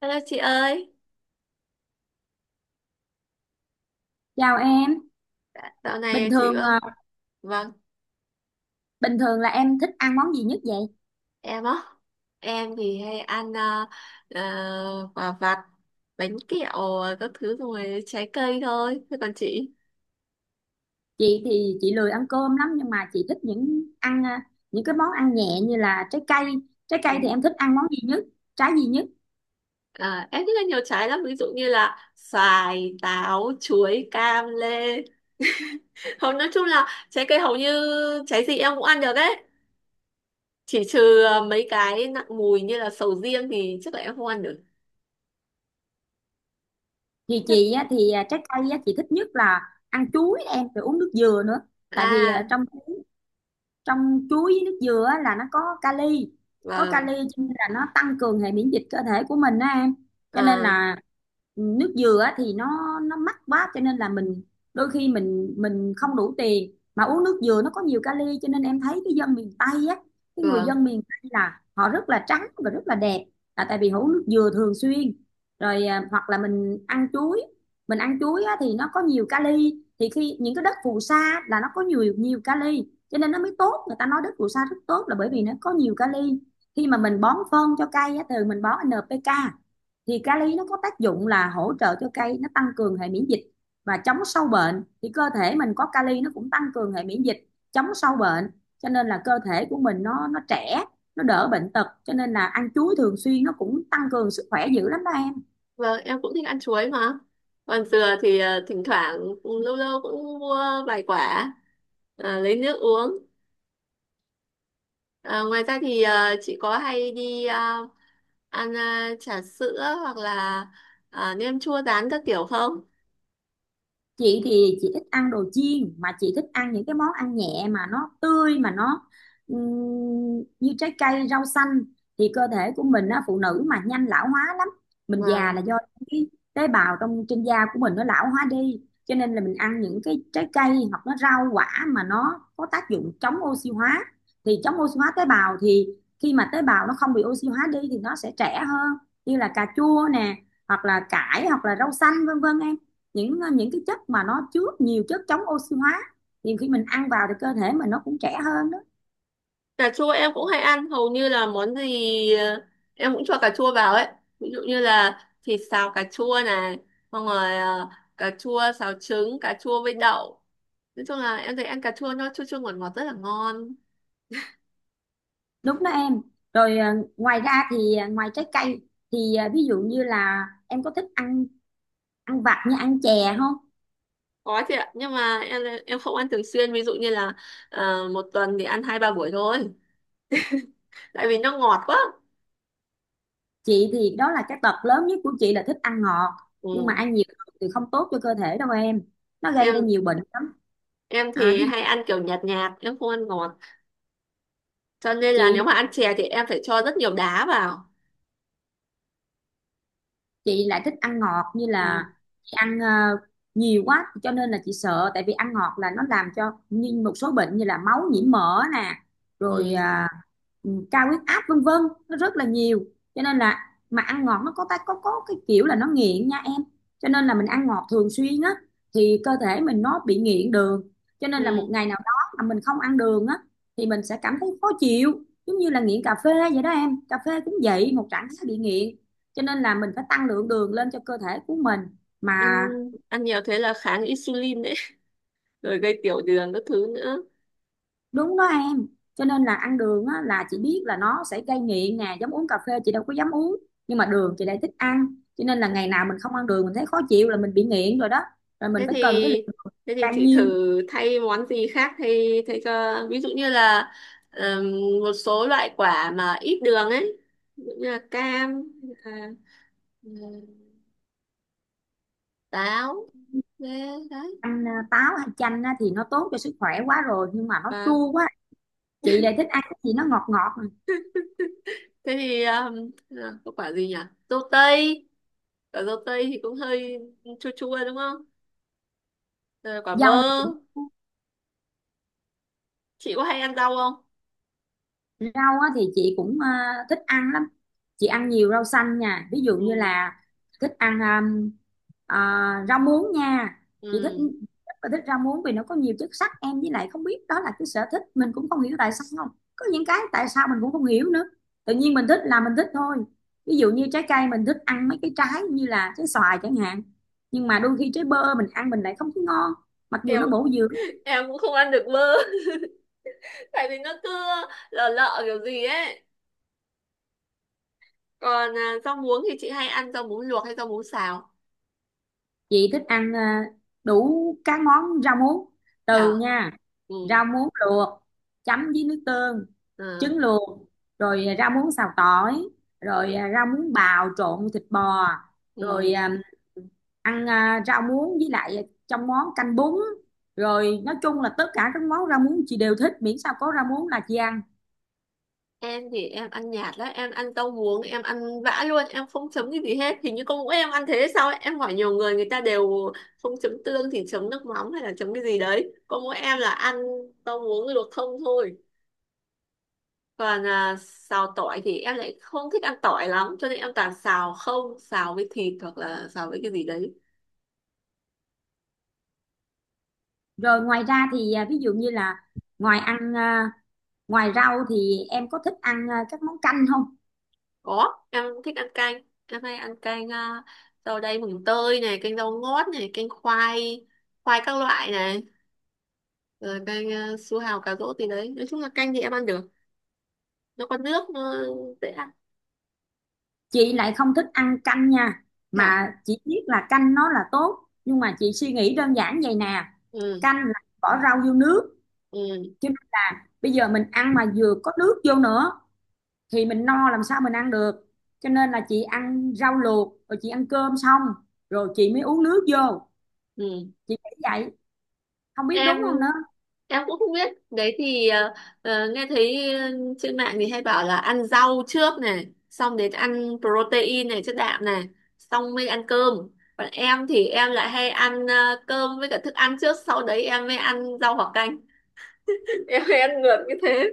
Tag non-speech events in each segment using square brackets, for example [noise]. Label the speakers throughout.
Speaker 1: Hello chị ơi,
Speaker 2: Chào em,
Speaker 1: dạo
Speaker 2: bình
Speaker 1: này chị
Speaker 2: thường
Speaker 1: vâng,
Speaker 2: à,
Speaker 1: vâng.
Speaker 2: bình thường là em thích ăn món gì nhất vậy?
Speaker 1: Em á, em thì hay ăn quả vặt, bánh kẹo các thứ rồi trái cây thôi. Thế còn chị?
Speaker 2: Chị thì chị lười ăn cơm lắm nhưng mà chị thích những cái món ăn nhẹ như là trái cây. Trái cây
Speaker 1: Ừ.
Speaker 2: thì em thích ăn món gì nhất? Trái gì nhất?
Speaker 1: À, em thích ăn nhiều trái lắm, ví dụ như là xoài, táo, chuối, cam, lê. [laughs] Hầu nói chung là trái cây hầu như trái gì em cũng ăn được đấy. Chỉ trừ mấy cái nặng mùi như là sầu riêng thì chắc là em không ăn được.
Speaker 2: Thì
Speaker 1: Chắc-
Speaker 2: chị á, thì à, Trái cây á, chị thích nhất là ăn chuối em rồi uống nước dừa nữa. Tại vì
Speaker 1: À,
Speaker 2: à, trong trong chuối với nước dừa á, là nó có kali, có kali,
Speaker 1: vâng,
Speaker 2: cho nên là nó tăng cường hệ miễn dịch cơ thể của mình á em, cho nên
Speaker 1: à,
Speaker 2: là, nước dừa á thì nó mắc quá cho nên là mình, đôi khi mình không đủ tiền mà uống nước dừa. Nó có nhiều kali cho nên em thấy cái dân miền Tây á, cái người
Speaker 1: vâng.
Speaker 2: dân miền Tây là họ rất là trắng và rất là đẹp, là tại vì họ uống nước dừa thường xuyên. Rồi hoặc là mình ăn chuối, mình ăn chuối á, thì nó có nhiều kali. Thì khi những cái đất phù sa là nó có nhiều, nhiều kali, cho nên nó mới tốt. Người ta nói đất phù sa rất tốt là bởi vì nó có nhiều kali. Khi mà mình bón phân cho cây á, thường mình bón NPK, thì kali nó có tác dụng là hỗ trợ cho cây, nó tăng cường hệ miễn dịch và chống sâu bệnh. Thì cơ thể mình có kali nó cũng tăng cường hệ miễn dịch, chống sâu bệnh, cho nên là cơ thể của mình nó trẻ, nó đỡ bệnh tật. Cho nên là ăn chuối thường xuyên nó cũng tăng cường sức khỏe dữ lắm đó em.
Speaker 1: Vâng, em cũng thích ăn chuối mà. Còn dừa thì thỉnh thoảng lâu lâu cũng mua vài quả, lấy nước uống. Ờ, ngoài ra thì chị có hay đi ăn trà sữa hoặc là nem chua rán các kiểu không?
Speaker 2: Chị thì chị thích ăn đồ chiên, mà chị thích ăn những cái món ăn nhẹ mà nó tươi, mà nó như trái cây, rau xanh. Thì cơ thể của mình á, phụ nữ mà nhanh lão hóa lắm, mình già
Speaker 1: Vâng.
Speaker 2: là do cái tế bào trong, trên da của mình nó lão hóa đi, cho nên là mình ăn những cái trái cây hoặc nó rau quả mà nó có tác dụng chống oxy hóa. Thì chống oxy hóa tế bào thì khi mà tế bào nó không bị oxy hóa đi thì nó sẽ trẻ hơn, như là cà chua nè, hoặc là cải, hoặc là rau xanh vân vân em. Những những cái chất mà nó chứa nhiều chất chống oxy hóa, thì khi mình ăn vào thì cơ thể mình nó cũng trẻ hơn đó.
Speaker 1: Cà chua em cũng hay ăn, hầu như là món gì em cũng cho cà chua vào ấy. Ví dụ như là thịt xào cà chua này, xong rồi cà chua xào trứng, cà chua với đậu. Nói chung là em thấy ăn cà chua nó chua chua ngọt ngọt rất là ngon.
Speaker 2: Đúng đó em. Rồi ngoài ra thì, ngoài trái cây thì, ví dụ như là em có thích ăn, ăn vặt như ăn chè không?
Speaker 1: Có chị ạ, nhưng mà em không ăn thường xuyên, ví dụ như là một tuần thì ăn hai ba buổi thôi, tại vì nó ngọt quá.
Speaker 2: Chị thì đó là cái tật lớn nhất của chị, là thích ăn ngọt. Nhưng mà
Speaker 1: Ừ.
Speaker 2: ăn nhiều thì không tốt cho cơ thể đâu em, nó gây ra
Speaker 1: em
Speaker 2: nhiều bệnh lắm.
Speaker 1: em
Speaker 2: À,
Speaker 1: thì
Speaker 2: ví
Speaker 1: hay
Speaker 2: dụ,
Speaker 1: ăn kiểu nhạt nhạt, em không ăn ngọt, cho nên là
Speaker 2: chị
Speaker 1: nếu mà ăn chè thì em phải cho rất nhiều đá vào.
Speaker 2: chị lại thích ăn ngọt, như
Speaker 1: Ừ.
Speaker 2: là chị ăn, nhiều quá, cho nên là chị sợ. Tại vì ăn ngọt là nó làm cho như một số bệnh như là máu nhiễm mỡ nè, rồi
Speaker 1: Ừ.
Speaker 2: cao huyết áp vân vân, nó rất là nhiều. Cho nên là mà ăn ngọt nó có ta có cái kiểu là nó nghiện nha em. Cho nên là mình ăn ngọt thường xuyên á, thì cơ thể mình nó bị nghiện đường, cho nên là một
Speaker 1: Ừ.
Speaker 2: ngày nào đó mà mình không ăn đường á, thì mình sẽ cảm thấy khó chịu. Giống như là nghiện cà phê vậy đó em, cà phê cũng vậy, một trạng thái bị nghiện, cho nên là mình phải tăng lượng đường lên cho cơ thể của mình.
Speaker 1: ăn
Speaker 2: Mà
Speaker 1: Ăn nhiều thế là kháng insulin đấy. [laughs] Rồi gây tiểu đường các thứ nữa.
Speaker 2: đúng đó em, cho nên là ăn đường á, là chị biết là nó sẽ gây nghiện nè. Giống uống cà phê chị đâu có dám uống, nhưng mà đường chị lại thích ăn, cho nên là ngày nào mình không ăn đường mình thấy khó chịu là mình bị nghiện rồi đó, rồi mình
Speaker 1: thế
Speaker 2: phải
Speaker 1: thì
Speaker 2: cần cái lượng đường
Speaker 1: Thế thì
Speaker 2: bao
Speaker 1: chị
Speaker 2: nhiêu.
Speaker 1: thử thay món gì khác, thay thay cho ví dụ như là ừm, một số loại quả mà ít đường ấy, ví dụ như là cam, à, ừm, táo, thế đấy.
Speaker 2: Ăn táo hay chanh á, thì nó tốt cho sức khỏe quá rồi, nhưng mà nó
Speaker 1: Và
Speaker 2: chua quá. Chị lại thích ăn cái gì nó ngọt ngọt nè.
Speaker 1: thế thì, là có quả gì nhỉ, dâu tây, quả dâu tây thì cũng hơi chua chua đúng không. Rồi quả bơ.
Speaker 2: Dâu thì,
Speaker 1: Chị có hay ăn rau không?
Speaker 2: rau á, thì chị cũng, thích ăn lắm. Chị ăn nhiều rau xanh nha. Ví dụ như
Speaker 1: Ừ.
Speaker 2: là thích ăn ờ, rau muống nha. Chị thích,
Speaker 1: Ừ.
Speaker 2: rất là thích rau muống vì nó có nhiều chất sắt em. Với lại không biết đó là cái sở thích, mình cũng không hiểu tại sao không. Có những cái tại sao mình cũng không hiểu nữa. Tự nhiên mình thích là mình thích thôi. Ví dụ như trái cây mình thích ăn mấy cái trái như là trái xoài chẳng hạn. Nhưng mà đôi khi trái bơ mình ăn mình lại không thấy ngon, mặc dù
Speaker 1: Em.
Speaker 2: nó bổ dưỡng.
Speaker 1: [laughs] Em cũng không ăn được bơ. [laughs] Tại vì nó cứ lợ lợ kiểu gì ấy. Còn rau muống thì chị hay ăn rau muống luộc hay rau muống xào?
Speaker 2: Chị thích ăn đủ các món rau muống, từ
Speaker 1: Hả.
Speaker 2: nha,
Speaker 1: Ừ.
Speaker 2: rau muống luộc chấm với nước tương,
Speaker 1: Ờ.
Speaker 2: trứng luộc, rồi rau muống xào tỏi, rồi rau muống bào trộn thịt bò,
Speaker 1: Ừ.
Speaker 2: rồi rau muống với lại trong món canh bún. Rồi nói chung là tất cả các món rau muống chị đều thích, miễn sao có rau muống là chị ăn.
Speaker 1: Em thì em ăn nhạt lắm, em ăn rau muống em ăn vã luôn, em không chấm cái gì hết, hình như con mỗi em ăn thế hay sao ấy. Em hỏi nhiều người, người ta đều không chấm tương thì chấm nước mắm hay là chấm cái gì đấy, con mỗi em là ăn rau muống luộc không thôi. Còn xào tỏi thì em lại không thích ăn tỏi lắm, cho nên em toàn xào không, xào với thịt hoặc là xào với cái gì đấy.
Speaker 2: Rồi ngoài ra thì, ví dụ như là ngoài ăn, ngoài rau thì em có thích ăn, các món canh không?
Speaker 1: Có, em thích ăn canh. Em hay ăn canh, rau đay mùng tơi này, canh rau ngót này, canh khoai, khoai các loại này, rồi canh, su hào cà rốt gì đấy. Nói chung là canh thì em ăn được. Nó có nước, nó dễ ăn.
Speaker 2: Chị lại không thích ăn canh nha,
Speaker 1: Dạ.
Speaker 2: mà chị biết là canh nó là tốt. Nhưng mà chị suy nghĩ đơn giản vậy nè:
Speaker 1: Ừ,
Speaker 2: canh là bỏ rau vô nước,
Speaker 1: ừ,
Speaker 2: chứ bây giờ mình ăn mà vừa có nước vô nữa thì mình no, làm sao mình ăn được. Cho nên là chị ăn rau luộc, rồi chị ăn cơm xong rồi chị mới uống nước vô.
Speaker 1: ừ.
Speaker 2: Chị nghĩ vậy, không biết
Speaker 1: Em
Speaker 2: đúng không nữa.
Speaker 1: em cũng không biết, đấy thì nghe thấy trên mạng thì hay bảo là ăn rau trước này, xong đến ăn protein này, chất đạm này, xong mới ăn cơm. Còn em thì em lại hay ăn cơm với cả thức ăn trước, sau đấy em mới ăn rau hoặc canh. [laughs] Em hay ăn ngược như thế.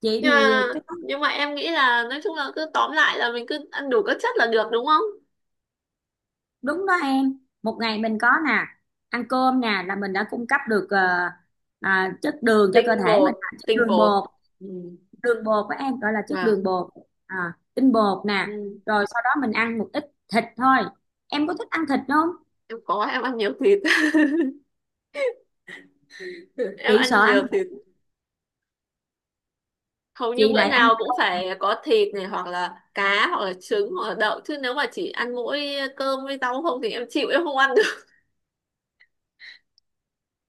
Speaker 2: Chị
Speaker 1: nhưng
Speaker 2: thì
Speaker 1: mà
Speaker 2: cái đó
Speaker 1: nhưng mà em nghĩ là nói chung là cứ tóm lại là mình cứ ăn đủ các chất là được đúng không.
Speaker 2: đúng đó em. Một ngày mình có nè, ăn cơm nè là mình đã cung cấp được chất đường cho cơ
Speaker 1: tinh
Speaker 2: thể
Speaker 1: bột
Speaker 2: mình, là chất
Speaker 1: tinh
Speaker 2: đường
Speaker 1: bột
Speaker 2: bột.
Speaker 1: Ừ.
Speaker 2: Đường bột của em gọi là chất đường
Speaker 1: Vâng.
Speaker 2: bột, tinh bột nè.
Speaker 1: Ừ.
Speaker 2: Rồi sau đó mình ăn một ít thịt thôi. Em có thích ăn thịt không?
Speaker 1: Em có, em ăn nhiều thịt. [laughs] Em
Speaker 2: Chị
Speaker 1: ăn
Speaker 2: sợ ăn
Speaker 1: nhiều thịt,
Speaker 2: thịt,
Speaker 1: hầu như
Speaker 2: chị
Speaker 1: bữa
Speaker 2: lại ăn
Speaker 1: nào cũng phải có thịt này hoặc là cá hoặc là trứng hoặc là đậu, chứ nếu mà chỉ ăn mỗi cơm với rau không thì em chịu, em không ăn được.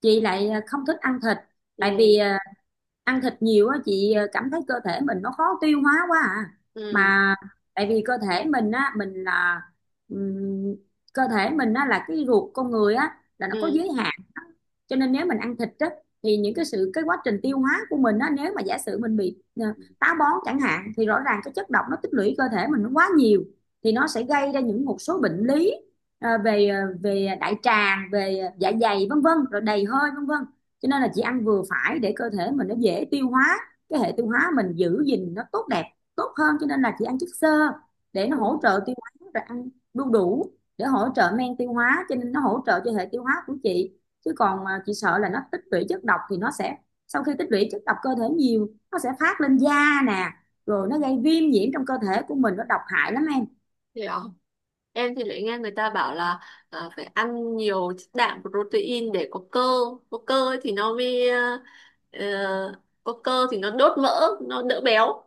Speaker 2: chị lại không thích ăn thịt. Tại
Speaker 1: Ừ.
Speaker 2: vì ăn thịt nhiều á chị cảm thấy cơ thể mình nó khó tiêu hóa quá à.
Speaker 1: Ừ.
Speaker 2: Mà tại vì cơ thể mình á, mình là, ừm, cơ thể mình á là cái ruột con người á là nó có
Speaker 1: Ừ.
Speaker 2: giới hạn. Cho nên nếu mình ăn thịt á, thì những cái sự, cái quá trình tiêu hóa của mình á, nếu mà giả sử mình bị táo bón chẳng hạn, thì rõ ràng cái chất độc nó tích lũy cơ thể mình nó quá nhiều, thì nó sẽ gây ra những một số bệnh lý, về đại tràng, về dạ dày vân vân, rồi đầy hơi vân vân. Cho nên là chị ăn vừa phải để cơ thể mình nó dễ tiêu hóa, cái hệ tiêu hóa mình giữ gìn nó tốt đẹp, tốt hơn. Cho nên là chị ăn chất xơ để nó hỗ
Speaker 1: Ừ.
Speaker 2: trợ tiêu hóa, rồi ăn đu đủ để hỗ trợ men tiêu hóa, cho nên nó hỗ trợ cho hệ tiêu hóa của chị. Chứ còn chị sợ là nó tích lũy chất độc, thì nó sẽ, sau khi tích lũy chất độc cơ thể nhiều, nó sẽ phát lên da nè, rồi nó gây viêm nhiễm trong cơ thể của mình, nó độc hại lắm em.
Speaker 1: Hiểu. Em thì lại nghe người ta bảo là phải ăn nhiều chất đạm protein để có cơ, có cơ ấy thì nó mới, ờ, có cơ thì nó đốt mỡ, nó đỡ béo.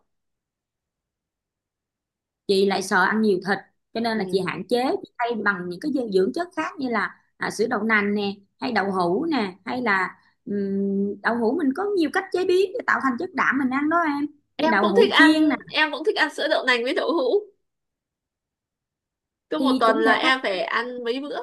Speaker 2: Chị lại sợ ăn nhiều thịt, cho nên là chị
Speaker 1: Ừ.
Speaker 2: hạn chế, chị thay bằng những cái dinh dưỡng chất khác, như là sữa đậu nành nè, hay đậu hũ nè, hay là đậu hũ mình có nhiều cách chế biến để tạo thành chất đạm mình ăn đó em, như
Speaker 1: Em
Speaker 2: đậu
Speaker 1: cũng thích
Speaker 2: hũ
Speaker 1: ăn.
Speaker 2: chiên nè,
Speaker 1: Em cũng thích ăn sữa đậu nành với đậu hũ, cứ một
Speaker 2: thì
Speaker 1: tuần
Speaker 2: cũng
Speaker 1: là
Speaker 2: thể thay,
Speaker 1: em phải ăn mấy bữa.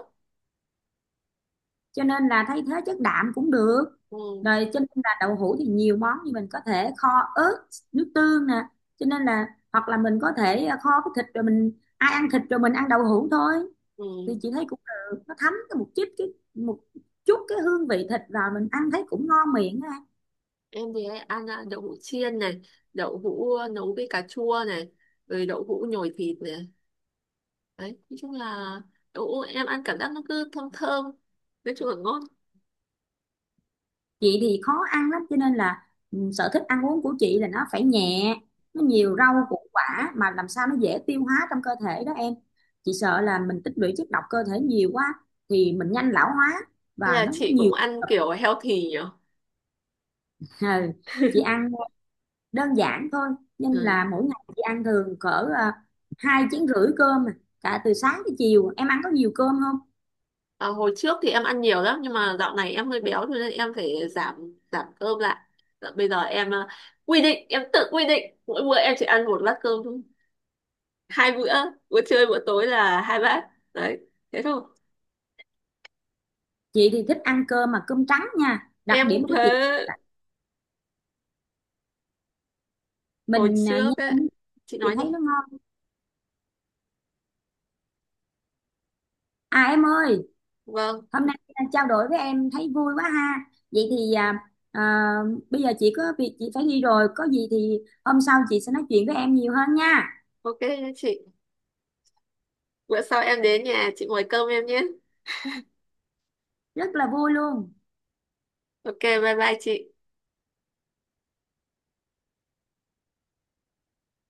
Speaker 2: cho nên là thay thế chất đạm cũng được.
Speaker 1: Ừ.
Speaker 2: Rồi cho nên là đậu hũ thì nhiều món, như mình có thể kho ớt, nước tương nè, cho nên là, hoặc là mình có thể kho cái thịt rồi mình, ai ăn thịt rồi mình ăn đậu hũ thôi,
Speaker 1: Ừ.
Speaker 2: thì chị thấy cũng được. Nó thấm cái một chút cái, một chút cái hương vị thịt vào mình ăn thấy cũng ngon miệng á.
Speaker 1: Em thì hay ăn đậu hũ chiên này, đậu hũ nấu với cà chua này, rồi đậu hũ nhồi thịt này. Đấy, nói chung là đậu hũ em ăn cảm giác nó cứ thơm thơm, nói chung là ngon.
Speaker 2: Chị thì khó ăn lắm, cho nên là ừ, sở thích ăn uống của chị là nó phải nhẹ, nó nhiều
Speaker 1: Ừ.
Speaker 2: rau củ quả, mà làm sao nó dễ tiêu hóa trong cơ thể đó em. Chị sợ là mình tích lũy chất độc cơ thể nhiều quá thì mình nhanh lão hóa,
Speaker 1: Thế
Speaker 2: và
Speaker 1: là
Speaker 2: nó
Speaker 1: chị cũng
Speaker 2: nhiều.
Speaker 1: ăn kiểu healthy nhỉ?
Speaker 2: [laughs] Ừ. Chị ăn đơn giản thôi, nên
Speaker 1: Ừ.
Speaker 2: là mỗi ngày chị ăn thường cỡ 2 chén rưỡi cơm cả từ sáng tới chiều. Em ăn có nhiều cơm không?
Speaker 1: À, hồi trước thì em ăn nhiều lắm, nhưng mà dạo này em hơi béo cho nên em phải giảm giảm cơm lại. Dạ, bây giờ em quy định, em tự quy định mỗi bữa em chỉ ăn một bát cơm thôi. Hai bữa, bữa trưa bữa tối là hai bát. Đấy, thế thôi.
Speaker 2: Chị thì thích ăn cơm, mà cơm trắng nha, đặc
Speaker 1: Em cũng
Speaker 2: điểm của
Speaker 1: thế,
Speaker 2: chị là
Speaker 1: hồi
Speaker 2: mình
Speaker 1: trước ấy. Chị
Speaker 2: chị
Speaker 1: nói
Speaker 2: thấy
Speaker 1: đi.
Speaker 2: nó ngon. À em ơi,
Speaker 1: Vâng.
Speaker 2: hôm nay trao đổi với em thấy vui quá ha. Vậy thì, à, bây giờ chị có việc chị phải đi rồi, có gì thì hôm sau chị sẽ nói chuyện với em nhiều hơn nha.
Speaker 1: OK nhé chị, bữa sau em đến nhà chị mời cơm em nhé.
Speaker 2: Rất là vui luôn.
Speaker 1: OK, bye bye chị.